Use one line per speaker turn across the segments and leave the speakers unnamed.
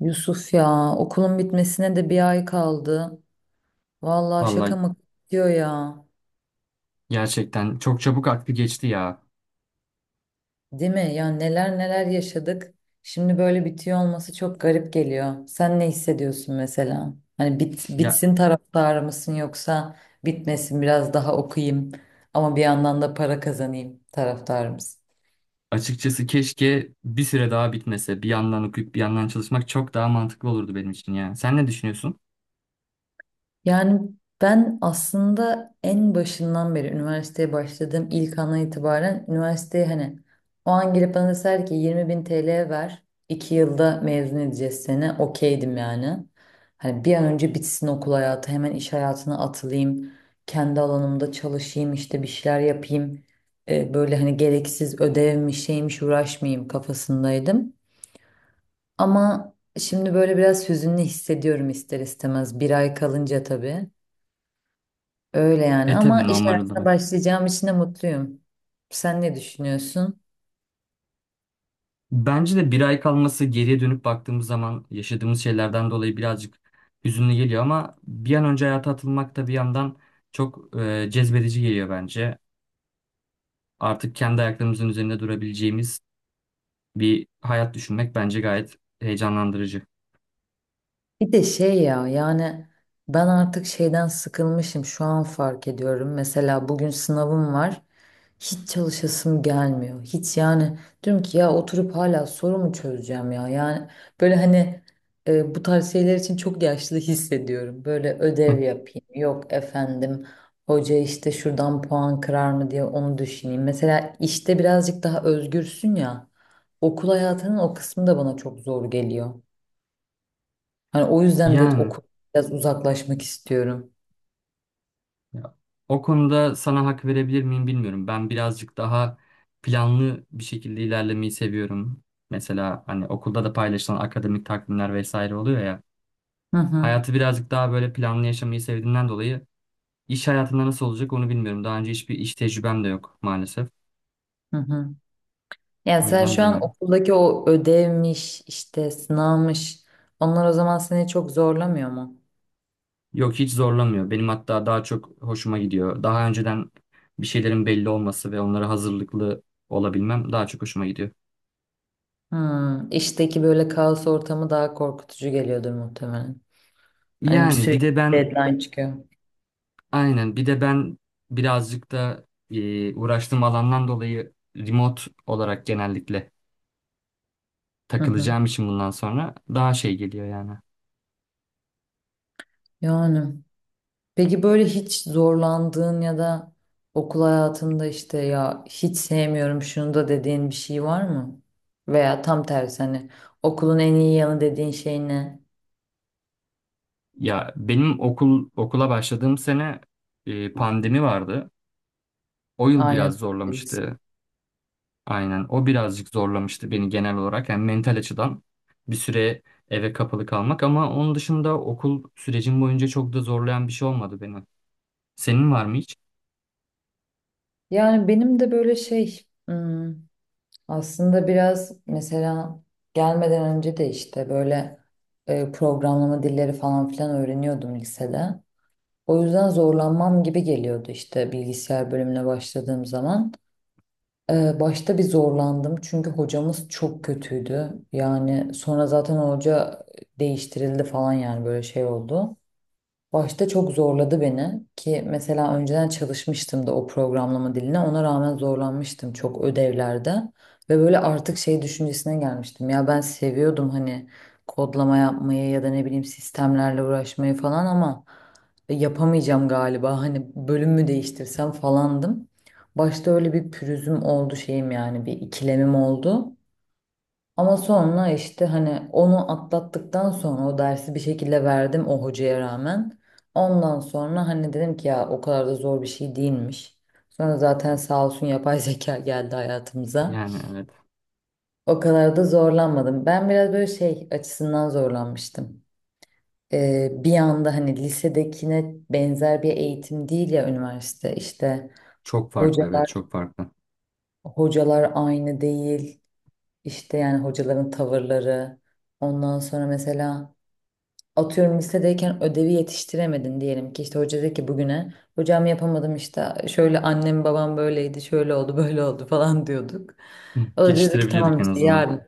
Yusuf, ya okulun bitmesine de 1 ay kaldı. Vallahi şaka
Vallahi
mı bitiyor ya.
gerçekten çok çabuk aklı geçti ya.
Değil mi? Ya neler neler yaşadık. Şimdi böyle bitiyor olması çok garip geliyor. Sen ne hissediyorsun mesela? Hani
Ya
bitsin taraftarı mısın, yoksa bitmesin biraz daha okuyayım ama bir yandan da para kazanayım taraftarı mısın?
açıkçası keşke bir süre daha bitmese. Bir yandan okuyup bir yandan çalışmak çok daha mantıklı olurdu benim için ya. Sen ne düşünüyorsun?
Yani ben aslında en başından beri üniversiteye başladığım ilk andan itibaren üniversiteye, hani o an girip bana deseler ki 20 bin TL ver, 2 yılda mezun edeceğiz seni, okeydim yani. Hani bir an önce bitsin okul hayatı, hemen iş hayatına atılayım, kendi alanımda çalışayım, işte bir şeyler yapayım. Böyle hani gereksiz ödevmiş şeymiş uğraşmayayım kafasındaydım. Ama şimdi böyle biraz hüzünlü hissediyorum ister istemez, 1 ay kalınca tabii. Öyle yani,
E
ama
tabii
iş
normal
hayatına
olarak.
başlayacağım için de mutluyum. Sen ne düşünüyorsun?
Bence de bir ay kalması geriye dönüp baktığımız zaman yaşadığımız şeylerden dolayı birazcık hüzünlü geliyor ama bir an önce hayata atılmak da bir yandan çok cezbedici geliyor bence. Artık kendi ayaklarımızın üzerinde durabileceğimiz bir hayat düşünmek bence gayet heyecanlandırıcı.
Bir de şey ya, yani ben artık şeyden sıkılmışım şu an fark ediyorum. Mesela bugün sınavım var. Hiç çalışasım gelmiyor. Hiç, yani diyorum ki ya oturup hala soru mu çözeceğim ya? Yani böyle hani bu tarz şeyler için çok yaşlı hissediyorum. Böyle ödev yapayım, yok efendim hoca işte şuradan puan kırar mı diye onu düşüneyim. Mesela işte birazcık daha özgürsün ya. Okul hayatının o kısmı da bana çok zor geliyor. Hani o yüzden de
Yani.
okul biraz uzaklaşmak istiyorum.
Ya, o konuda sana hak verebilir miyim bilmiyorum. Ben birazcık daha planlı bir şekilde ilerlemeyi seviyorum. Mesela hani okulda da paylaşılan akademik takvimler vesaire oluyor ya.
Hı hı,
Hayatı birazcık daha böyle planlı yaşamayı sevdiğimden dolayı iş hayatında nasıl olacak onu bilmiyorum. Daha önce hiçbir iş tecrübem de yok maalesef.
hı hı. Yani
O
sen
yüzden
şu an
bilemiyorum.
okuldaki o ödevmiş, işte sınavmış, onlar o zaman seni çok zorlamıyor mu?
Yok, hiç zorlamıyor. Benim hatta daha çok hoşuma gidiyor. Daha önceden bir şeylerin belli olması ve onlara hazırlıklı olabilmem daha çok hoşuma gidiyor.
Hmm, işteki böyle kaos ortamı daha korkutucu geliyordur muhtemelen. Hani bir
Yani bir
sürekli
de ben
deadline çıkıyor.
aynen. Bir de ben birazcık da uğraştığım alandan dolayı remote olarak genellikle
Hı hı.
takılacağım için bundan sonra daha şey geliyor yani.
Yani. Peki böyle hiç zorlandığın ya da okul hayatında işte ya hiç sevmiyorum şunu da dediğin bir şey var mı? Veya tam tersi, hani okulun en iyi yanı dediğin şey ne?
Ya benim okul okula başladığım sene pandemi vardı. O yıl
Aynı
biraz
durumdayız.
zorlamıştı. Aynen. O birazcık zorlamıştı beni genel olarak. Yani mental açıdan bir süre eve kapalı kalmak ama onun dışında okul sürecim boyunca çok da zorlayan bir şey olmadı beni. Senin var mı hiç?
Yani benim de böyle şey hmm, aslında biraz mesela gelmeden önce de işte böyle programlama dilleri falan filan öğreniyordum lisede. O yüzden zorlanmam gibi geliyordu işte bilgisayar bölümüne başladığım zaman. Başta bir zorlandım çünkü hocamız çok kötüydü. Yani sonra zaten hoca değiştirildi falan, yani böyle şey oldu. Başta çok zorladı beni, ki mesela önceden çalışmıştım da o programlama diline, ona rağmen zorlanmıştım çok ödevlerde ve böyle artık şey düşüncesine gelmiştim ya, ben seviyordum hani kodlama yapmayı ya da ne bileyim sistemlerle uğraşmayı falan, ama yapamayacağım galiba, hani bölüm mü değiştirsem falandım. Başta öyle bir pürüzüm oldu, şeyim yani bir ikilemim oldu. Ama sonra işte hani onu atlattıktan sonra o dersi bir şekilde verdim o hocaya rağmen. Ondan sonra hani dedim ki ya o kadar da zor bir şey değilmiş. Sonra zaten sağ olsun yapay zeka geldi hayatımıza.
Yani evet.
O kadar da zorlanmadım. Ben biraz böyle şey açısından zorlanmıştım. Bir anda hani lisedekine benzer bir eğitim değil ya üniversite, işte
Çok farklı, evet,
hocalar
çok farklı.
hocalar aynı değil. İşte yani hocaların tavırları. Ondan sonra mesela atıyorum, lisedeyken ödevi yetiştiremedin diyelim ki, işte hoca dedi ki bugüne, hocam yapamadım işte şöyle, annem babam böyleydi, şöyle oldu böyle oldu falan diyorduk.
Hı,
O da diyordu ki
geçtirebiliyorduk
tamam
en
işte
azından.
yarın,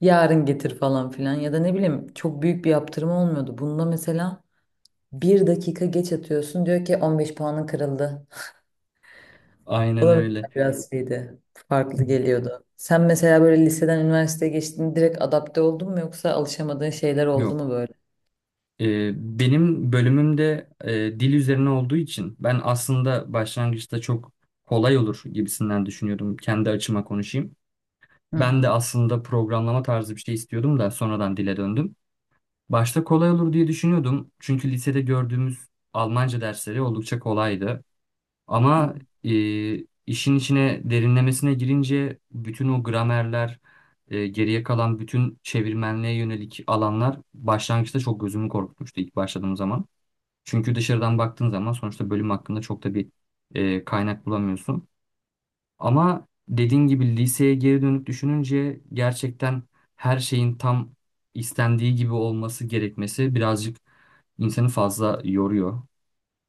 yarın getir falan filan, ya da ne bileyim, çok büyük bir yaptırma olmuyordu. Bunda mesela 1 dakika geç atıyorsun, diyor ki 15 puanın kırıldı. O
Aynen
da mesela
öyle.
biraz şeydi,
Hı.
farklı geliyordu. Sen mesela böyle liseden üniversiteye geçtiğinde direkt adapte oldun mu, yoksa alışamadığın şeyler oldu mu
Yok.
böyle?
Ee, Benim bölümümde dil üzerine olduğu için ben aslında başlangıçta çok kolay olur gibisinden düşünüyordum. Kendi açıma konuşayım.
Hı
Ben
hı.
de aslında programlama tarzı bir şey istiyordum da sonradan dile döndüm. Başta kolay olur diye düşünüyordum. Çünkü lisede gördüğümüz Almanca dersleri oldukça kolaydı.
Hı hı.
Ama e, işin içine derinlemesine girince bütün o gramerler, geriye kalan bütün çevirmenliğe yönelik alanlar başlangıçta çok gözümü korkutmuştu ilk başladığım zaman. Çünkü dışarıdan baktığın zaman sonuçta bölüm hakkında çok da bir kaynak bulamıyorsun. Ama dediğin gibi liseye geri dönüp düşününce gerçekten her şeyin tam istendiği gibi olması gerekmesi birazcık insanı fazla yoruyor.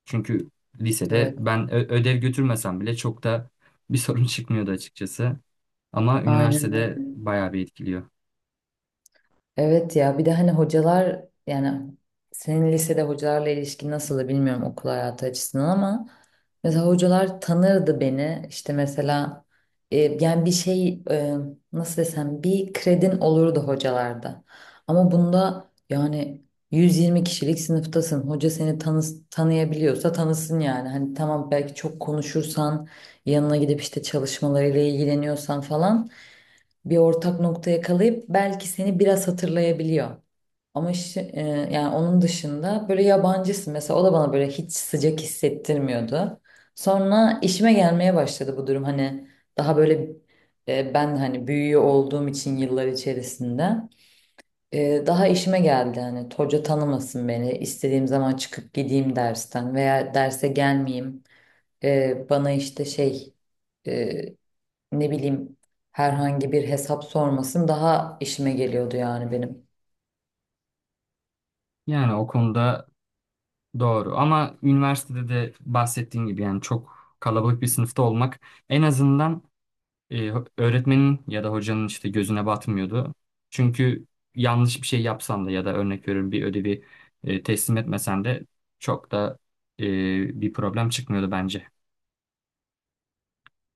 Çünkü lisede
Evet.
ben ödev götürmesem bile çok da bir sorun çıkmıyordu açıkçası. Ama
Aynen
üniversitede
öyle.
bayağı bir etkiliyor.
Evet ya, bir de hani hocalar, yani senin lisede hocalarla ilişkin nasıldı bilmiyorum okul hayatı açısından, ama mesela hocalar tanırdı beni işte, mesela e, yani bir şey nasıl desem, bir kredin olurdu hocalarda. Ama bunda yani 120 kişilik sınıftasın, hoca seni tanıyabiliyorsa tanısın yani, hani tamam, belki çok konuşursan, yanına gidip işte çalışmalarıyla ilgileniyorsan falan, bir ortak nokta yakalayıp belki seni biraz hatırlayabiliyor. Ama yani onun dışında böyle yabancısın, mesela o da bana böyle hiç sıcak hissettirmiyordu. Sonra işime gelmeye başladı bu durum, hani daha böyle ben hani büyüğü olduğum için yıllar içerisinde daha işime geldi, hani hoca tanımasın beni, istediğim zaman çıkıp gideyim dersten veya derse gelmeyeyim. Bana işte şey e, ne bileyim, herhangi bir hesap sormasın, daha işime geliyordu yani benim.
Yani o konuda doğru. Ama üniversitede de bahsettiğim gibi yani çok kalabalık bir sınıfta olmak en azından e, öğretmenin ya da hocanın işte gözüne batmıyordu. Çünkü yanlış bir şey yapsan da ya da örnek veriyorum bir ödevi teslim etmesen de çok da e, bir problem çıkmıyordu bence.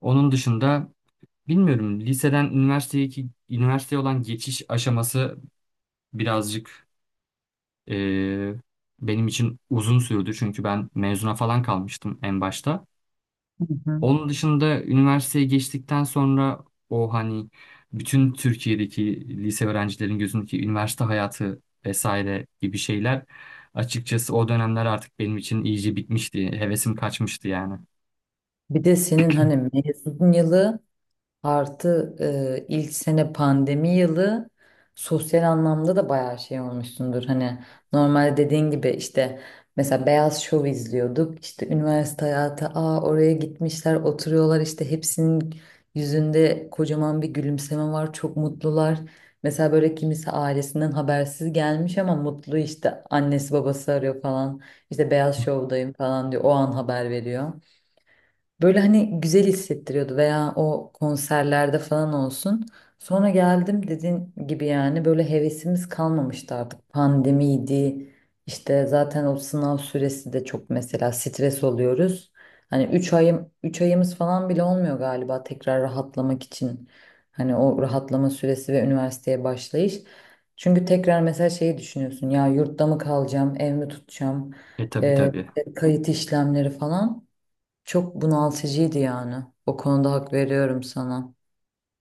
Onun dışında bilmiyorum. Liseden üniversiteye üniversiteye olan geçiş aşaması birazcık eee, benim için uzun sürdü. Çünkü ben mezuna falan kalmıştım en başta.
Hı hı.
Onun dışında üniversiteye geçtikten sonra o hani bütün Türkiye'deki lise öğrencilerin gözündeki üniversite hayatı vesaire gibi şeyler açıkçası o dönemler artık benim için iyice bitmişti. Hevesim kaçmıştı yani.
Bir de senin hani mezun yılı artı ilk sene pandemi yılı, sosyal anlamda da bayağı şey olmuşsundur. Hani normalde dediğin gibi işte, mesela Beyaz Şov izliyorduk. İşte üniversite hayatı, aa oraya gitmişler oturuyorlar işte, hepsinin yüzünde kocaman bir gülümseme var, çok mutlular. Mesela böyle kimisi ailesinden habersiz gelmiş ama mutlu, işte annesi babası arıyor falan. İşte Beyaz Şov'dayım falan diyor, o an haber veriyor. Böyle hani güzel hissettiriyordu, veya o konserlerde falan olsun. Sonra geldim dediğin gibi, yani böyle hevesimiz kalmamıştı artık. Pandemiydi. İşte zaten o sınav süresi de çok, mesela stres oluyoruz. Hani 3 ayım, 3 ayımız falan bile olmuyor galiba tekrar rahatlamak için. Hani o rahatlama süresi ve üniversiteye başlayış. Çünkü tekrar mesela şeyi düşünüyorsun ya, yurtta mı kalacağım, ev mi tutacağım,
E tabii, tabii.
İşte kayıt işlemleri falan. Çok bunaltıcıydı yani. O konuda hak veriyorum sana.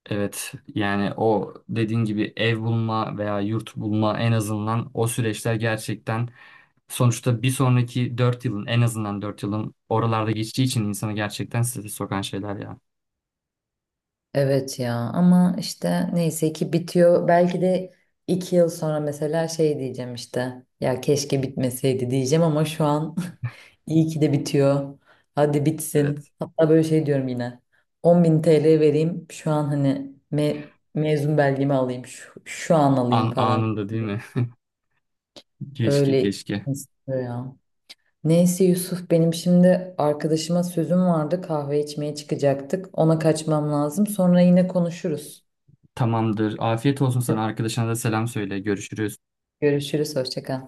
Evet, yani o dediğin gibi ev bulma veya yurt bulma en azından o süreçler gerçekten sonuçta bir sonraki 4 yılın en azından 4 yılın oralarda geçtiği için insanı gerçekten strese sokan şeyler ya.
Evet ya, ama işte neyse ki bitiyor. Belki de 2 yıl sonra mesela şey diyeceğim işte, ya keşke bitmeseydi diyeceğim, ama şu an iyi ki de bitiyor. Hadi bitsin.
Evet.
Hatta böyle şey diyorum yine. 10.000 TL vereyim şu an hani mezun belgemi alayım. Şu an alayım
An
falan.
anında değil mi? Keşke,
Öyle
keşke.
istiyor ya. Neyse Yusuf, benim şimdi arkadaşıma sözüm vardı, kahve içmeye çıkacaktık. Ona kaçmam lazım. Sonra yine konuşuruz.
Tamamdır. Afiyet olsun, sana arkadaşına da selam söyle. Görüşürüz.
Görüşürüz, hoşça kal.